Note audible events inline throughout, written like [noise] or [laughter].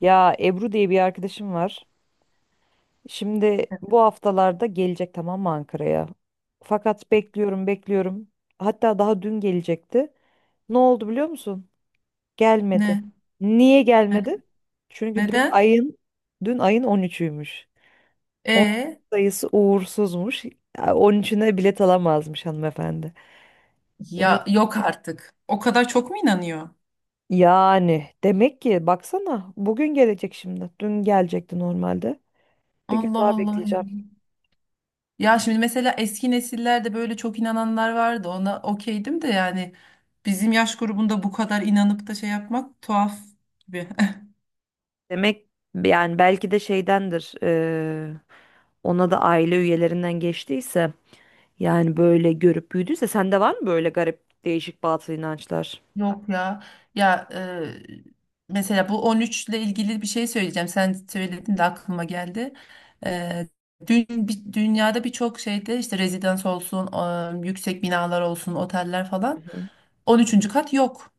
Ya Ebru diye bir arkadaşım var. Şimdi bu haftalarda gelecek, tamam mı, Ankara'ya? Fakat bekliyorum. Hatta daha dün gelecekti. Ne oldu biliyor musun? Gelmedi. Ne? Niye Ne- gelmedi? Çünkü dün Neden? ayın dün ayın 13'üymüş. 13 E sayısı uğursuzmuş. Ya, 13'üne bilet alamazmış hanımefendi. İnan Ya yok artık. O kadar çok mu inanıyor? yani demek ki baksana bugün gelecek şimdi. Dün gelecekti normalde. Bir gün Allah daha Allah ya. bekleyeceğim. Ya şimdi mesela eski nesillerde böyle çok inananlar vardı. Ona okeydim de, yani bizim yaş grubunda bu kadar inanıp da şey yapmak tuhaf gibi. Demek yani belki de şeydendir, ona da aile üyelerinden geçtiyse, yani böyle görüp büyüdüyse, sende var mı böyle garip değişik batıl inançlar? Yok ya. Ya, mesela bu 13 ile ilgili bir şey söyleyeceğim. Sen söyledin de aklıma geldi. E, Dün dünyada birçok şeyde işte rezidans olsun, yüksek binalar olsun, oteller Hı falan hı. 13. kat yok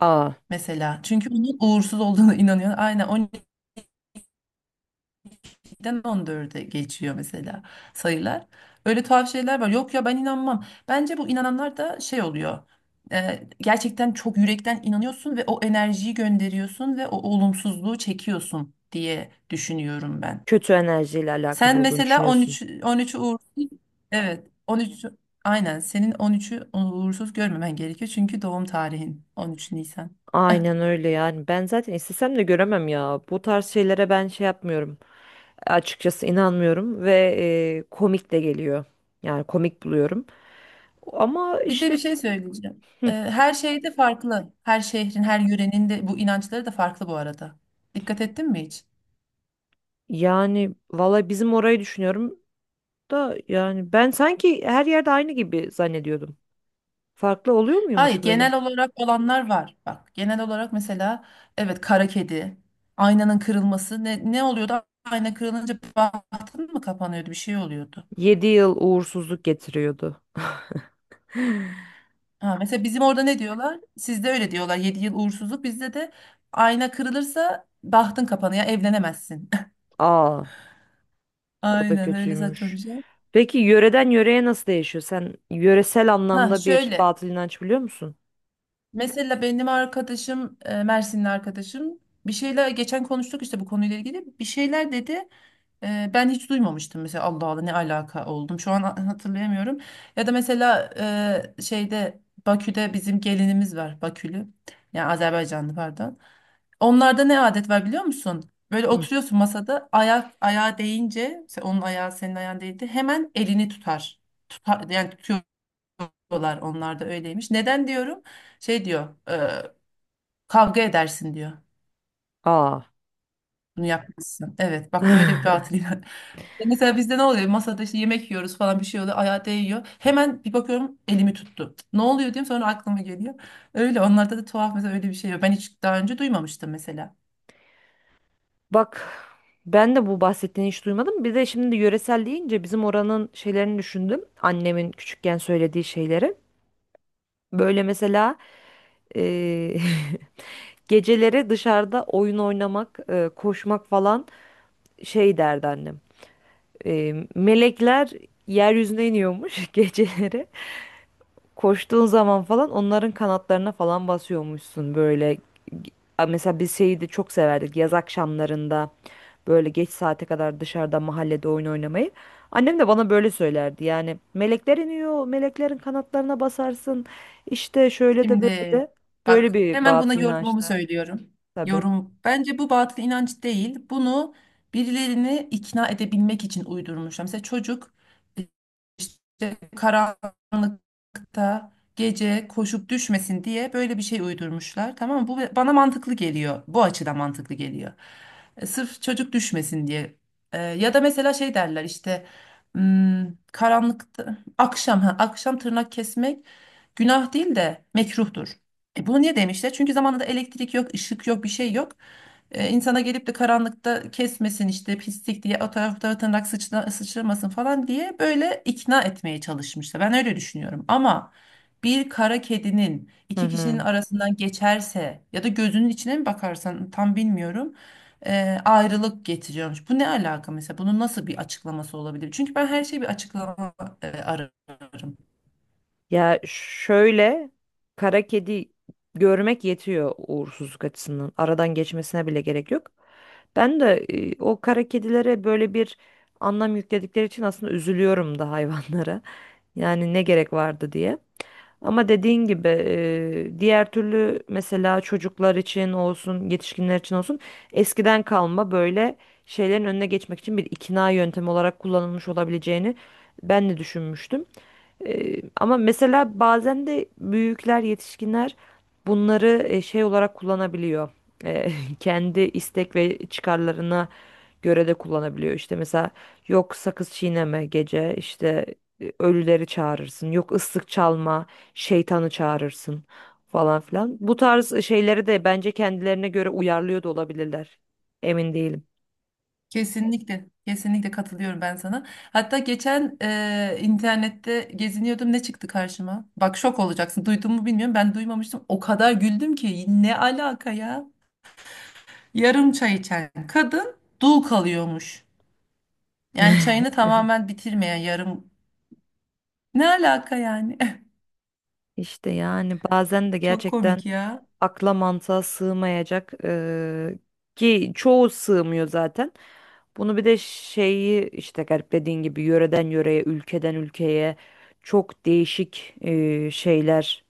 Aa, mesela. Çünkü onun uğursuz olduğunu [laughs] inanıyor. Aynen 7'den 14'e geçiyor mesela sayılar. Öyle tuhaf şeyler var. Yok ya, ben inanmam. Bence bu inananlar da şey oluyor. Gerçekten çok yürekten inanıyorsun ve o enerjiyi gönderiyorsun ve o olumsuzluğu çekiyorsun diye düşünüyorum ben. kötü enerjiyle alakalı Sen olduğunu mesela düşünüyorsun. 13, 13'ü uğursuz, evet, 13, aynen senin 13'ü uğursuz görmemen gerekiyor çünkü doğum tarihin 13 Nisan. [laughs] Aynen öyle yani, ben zaten istesem de göremem ya. Bu tarz şeylere ben şey yapmıyorum, açıkçası inanmıyorum ve komik de geliyor, yani komik buluyorum, ama Bir de bir işte. şey söyleyeceğim. Hı. Her şeyde farklı. Her şehrin, her yörenin de bu inançları da farklı bu arada. Dikkat ettin mi hiç? Yani valla bizim orayı düşünüyorum da, yani ben sanki her yerde aynı gibi zannediyordum. Farklı oluyor Hayır, muymuş böyle? genel olarak olanlar var. Bak, genel olarak mesela evet, kara kedi, aynanın kırılması ne oluyordu? Ayna kırılınca bahtın mı kapanıyordu? Bir şey oluyordu. 7 yıl uğursuzluk getiriyordu. Ha, mesela bizim orada ne diyorlar? Sizde öyle diyorlar. 7 yıl uğursuzluk bizde de ayna kırılırsa bahtın kapanıyor, evlenemezsin. Aa, [laughs] o da Aynen öyle saçma bir kötüymüş. şey. Peki yöreden yöreye nasıl değişiyor? Sen yöresel Ha, anlamda bir şöyle. batıl inanç biliyor musun? Mesela benim arkadaşım, Mersinli arkadaşım, bir şeyler geçen konuştuk işte bu konuyla ilgili bir şeyler dedi. Ben hiç duymamıştım mesela. Allah Allah, ne alaka oldum şu an, hatırlayamıyorum. Ya da mesela şeyde, Bakü'de bizim gelinimiz var, Bakülü, yani Azerbaycanlı pardon. Onlarda ne adet var biliyor musun? Böyle Hı. oturuyorsun masada ayak ayağa değince onun ayağı senin ayağın değdi, hemen elini tutar. Tutar, yani tutuyorlar, onlar da öyleymiş. Neden diyorum? Şey diyor. Kavga edersin diyor. Aa. Bunu yapmazsan. Evet, bak, böyle bir batıl [laughs] [laughs] Mesela bizde ne oluyor? Masada işte yemek yiyoruz falan, bir şey oluyor. Ayağı değiyor. Hemen bir bakıyorum, elimi tuttu. Ne oluyor diyeyim, sonra aklıma geliyor. Öyle onlarda da tuhaf, mesela öyle bir şey yok. Ben hiç daha önce duymamıştım mesela. Bak, ben de bu bahsettiğini hiç duymadım. Bir de şimdi yöresel deyince bizim oranın şeylerini düşündüm. Annemin küçükken söylediği şeyleri. Böyle mesela eee, [laughs] geceleri dışarıda oyun oynamak, koşmak falan, şey derdi annem. Melekler yeryüzüne iniyormuş [laughs] geceleri. Koştuğun zaman falan onların kanatlarına falan basıyormuşsun böyle. A, mesela biz şeyi de çok severdik, yaz akşamlarında böyle geç saate kadar dışarıda mahallede oyun oynamayı. Annem de bana böyle söylerdi yani, melekler iniyor, meleklerin kanatlarına basarsın işte, şöyle de böyle Şimdi, de, böyle bak, bir hemen buna batıl yorumumu inançta. söylüyorum. Tabii. Yorum. Bence bu batıl inanç değil. Bunu birilerini ikna edebilmek için uydurmuşlar. Mesela çocuk işte karanlıkta gece koşup düşmesin diye böyle bir şey uydurmuşlar. Tamam mı? Bu bana mantıklı geliyor. Bu açıdan mantıklı geliyor. Sırf çocuk düşmesin diye. Ya da mesela şey derler işte, hmm, karanlıkta akşam tırnak kesmek günah değil de mekruhtur. E bunu niye demişler? Çünkü zamanında elektrik yok, ışık yok, bir şey yok. İnsana gelip de karanlıkta kesmesin işte, pislik diye o taraf bu tarafa tırnak sıçramasın falan diye böyle ikna etmeye çalışmışlar. Ben öyle düşünüyorum ama bir kara kedinin Hı iki kişinin hı. arasından geçerse ya da gözünün içine mi bakarsan, tam bilmiyorum, ayrılık getiriyormuş. Bu ne alaka mesela? Bunun nasıl bir açıklaması olabilir? Çünkü ben her şeyi bir açıklama ararım. Ya şöyle, kara kedi görmek yetiyor uğursuzluk açısından. Aradan geçmesine bile gerek yok. Ben de o kara kedilere böyle bir anlam yükledikleri için aslında üzülüyorum da hayvanlara. [laughs] Yani ne gerek vardı diye. Ama dediğin gibi, diğer türlü mesela çocuklar için olsun, yetişkinler için olsun, eskiden kalma böyle şeylerin önüne geçmek için bir ikna yöntemi olarak kullanılmış olabileceğini ben de düşünmüştüm. Ama mesela bazen de büyükler, yetişkinler bunları şey olarak kullanabiliyor. Ee, [laughs] kendi istek ve çıkarlarına göre de kullanabiliyor. İşte mesela, yok sakız çiğneme gece, işte ölüleri çağırırsın, yok ıslık çalma, şeytanı çağırırsın falan filan. Bu tarz şeyleri de bence kendilerine göre uyarlıyor da olabilirler. Emin değilim. Kesinlikle, kesinlikle katılıyorum ben sana. Hatta geçen internette geziniyordum, ne çıktı karşıma? Bak, şok olacaksın. Duydun mu bilmiyorum. Ben duymamıştım. O kadar güldüm ki, ne alaka ya? Yarım çay içen kadın dul kalıyormuş. Yani çayını tamamen bitirmeyen, yarım. Ne alaka yani? [laughs] İşte yani bazen de Çok gerçekten komik ya. akla mantığa sığmayacak ki çoğu sığmıyor zaten. Bunu bir de şeyi işte gariplediğin gibi, yöreden yöreye, ülkeden ülkeye çok değişik şeyler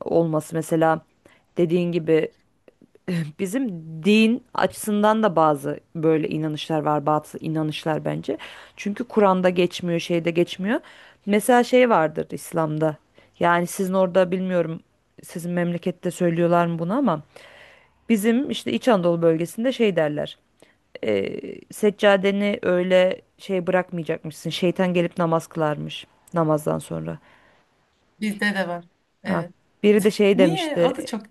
olması. Mesela dediğin gibi, [laughs] bizim din açısından da bazı böyle inanışlar var, bazı inanışlar bence. Çünkü Kur'an'da geçmiyor, şeyde geçmiyor. Mesela şey vardır İslam'da. Yani sizin orada bilmiyorum, sizin memlekette söylüyorlar mı bunu, ama bizim işte İç Anadolu bölgesinde şey derler. E, seccadeni öyle şey bırakmayacakmışsın. Şeytan gelip namaz kılarmış namazdan sonra. Bizde de var. Ha, Evet. biri de şey Niye? demişti. O da çok.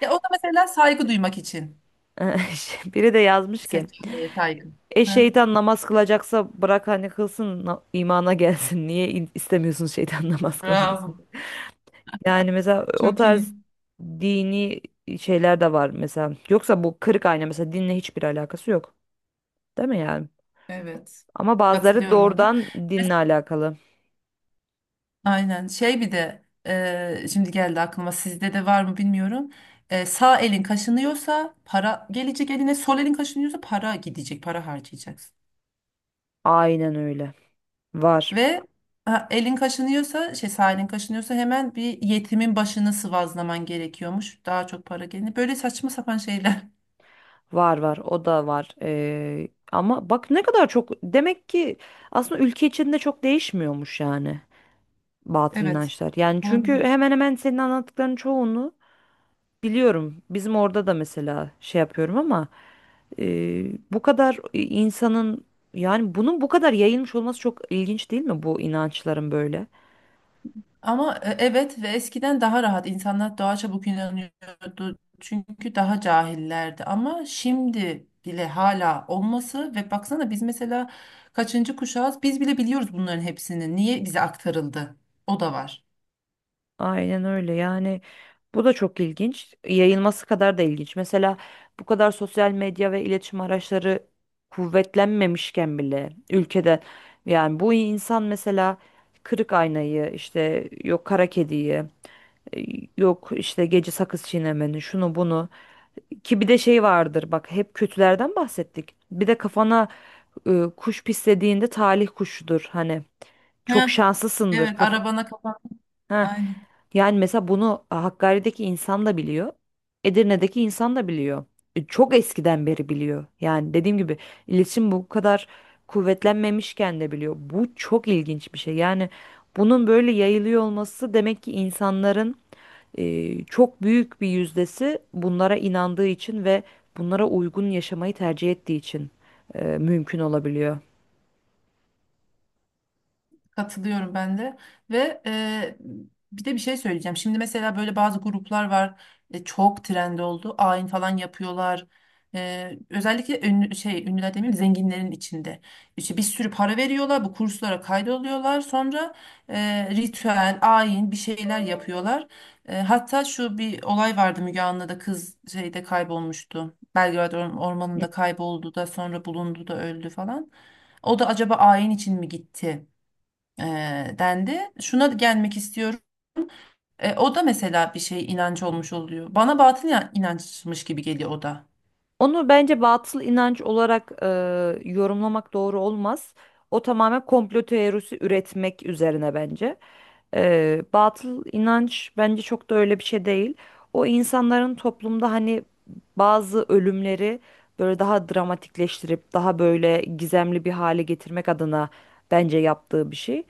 Ya, o da mesela saygı duymak için. [laughs] Biri de yazmış ki, Seçeneğe saygı. e Hı. şeytan namaz kılacaksa bırak hani kılsın, imana gelsin. [laughs] Niye istemiyorsun şeytan [laughs] namaz kılmasını? Bravo. Yani mesela o Çok tarz iyi. dini şeyler de var mesela. Yoksa bu kırık ayna mesela dinle hiçbir alakası yok. Değil mi yani? Evet. Ama bazıları Katılıyorum ona da. doğrudan dinle Mes- alakalı. Aynen. Şey bir de, şimdi geldi aklıma, sizde de var mı bilmiyorum. Sağ elin kaşınıyorsa para gelecek eline, sol elin kaşınıyorsa para gidecek, para harcayacaksın. Aynen öyle. Var. Ve ha, elin kaşınıyorsa, şey, sağ elin kaşınıyorsa hemen bir yetimin başını sıvazlaman gerekiyormuş. Daha çok para gelir. Böyle saçma sapan şeyler. Var. O da var. Ama bak ne kadar çok, demek ki aslında ülke içinde çok değişmiyormuş yani batıl Evet. inançlar. Yani çünkü Olabilir. hemen hemen senin anlattıkların çoğunu biliyorum bizim orada da. Mesela şey yapıyorum ama bu kadar insanın, yani bunun bu kadar yayılmış olması çok ilginç değil mi, bu inançların böyle? Ama evet, ve eskiden daha rahat insanlar daha çabuk inanıyordu. Çünkü daha cahillerdi. Ama şimdi bile hala olması, ve baksana, biz mesela kaçıncı kuşağız, biz bile biliyoruz bunların hepsini. Niye bize aktarıldı? O da var. Aynen öyle yani, bu da çok ilginç, yayılması kadar da ilginç. Mesela bu kadar sosyal medya ve iletişim araçları kuvvetlenmemişken bile ülkede, yani bu insan mesela, kırık aynayı, işte yok kara kediyi, e, yok işte gece sakız çiğnemenin şunu bunu. Ki bir de şey vardır bak, hep kötülerden bahsettik. Bir de kafana kuş pislediğinde talih kuşudur hani. Çok Ha, şanslısındır. evet. Kaf— Arabana kapan. ha, Aynen. yani mesela bunu Hakkari'deki insan da biliyor. Edirne'deki insan da biliyor. E, çok eskiden beri biliyor. Yani dediğim gibi, iletişim bu kadar kuvvetlenmemişken de biliyor. Bu çok ilginç bir şey. Yani bunun böyle yayılıyor olması, demek ki insanların çok büyük bir yüzdesi bunlara inandığı için ve bunlara uygun yaşamayı tercih ettiği için mümkün olabiliyor. Katılıyorum ben de, ve bir de bir şey söyleyeceğim. Şimdi mesela böyle bazı gruplar var, çok trend oldu. Ayin falan yapıyorlar. Özellikle ünlü, şey, ünlüler demeyeyim, zenginlerin içinde. İşte bir sürü para veriyorlar, bu kurslara kaydoluyorlar. Sonra ritüel, ayin bir şeyler yapıyorlar. Hatta şu bir olay vardı, Müge Anlı'da kız şeyde kaybolmuştu. Belgrad ormanında kayboldu, da sonra bulundu, da öldü falan. O da acaba ayin için mi gitti, e, dendi. Şuna gelmek istiyorum. O da mesela bir şey, inanç olmuş oluyor. Bana batıl inançmış gibi geliyor o da. Onu bence batıl inanç olarak yorumlamak doğru olmaz. O tamamen komplo teorisi üretmek üzerine bence. E, batıl inanç bence çok da öyle bir şey değil. O insanların toplumda hani bazı ölümleri böyle daha dramatikleştirip daha böyle gizemli bir hale getirmek adına bence yaptığı bir şey.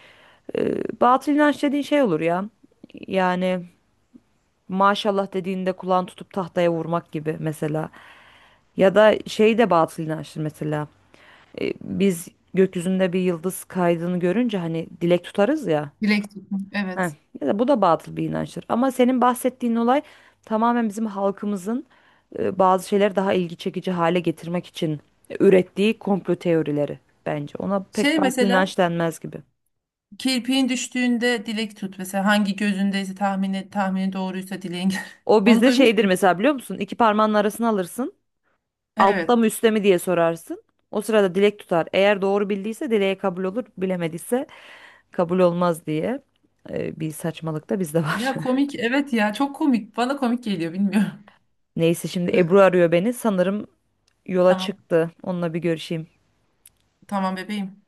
E, batıl inanç dediğin şey olur ya. Yani maşallah dediğinde kulağını tutup tahtaya vurmak gibi mesela. Ya da şey de batıl inançtır mesela. E, biz gökyüzünde bir yıldız kaydığını görünce hani dilek tutarız ya. Dilek tutmak. Heh, Evet. ya da bu da batıl bir inançtır. Ama senin bahsettiğin olay tamamen bizim halkımızın bazı şeyleri daha ilgi çekici hale getirmek için ürettiği komplo teorileri bence. Ona pek Şey batıl mesela, inanç denmez gibi. kirpiğin düştüğünde dilek tut. Mesela hangi gözündeyse tahmini, tahmini doğruysa dileğin. O [laughs] Onu bizde duymuş şeydir muydun? mesela, biliyor musun? İki parmağının arasına alırsın. Altta Evet. mı üstte mi diye sorarsın. O sırada dilek tutar. Eğer doğru bildiyse dileğe kabul olur. Bilemediyse kabul olmaz diye bir saçmalık da bizde var. Ya, komik. Evet ya, çok komik. Bana komik geliyor, bilmiyorum. [laughs] Neyse, şimdi Ebru arıyor beni. Sanırım [laughs] yola Tamam. çıktı. Onunla bir görüşeyim. Tamam bebeğim.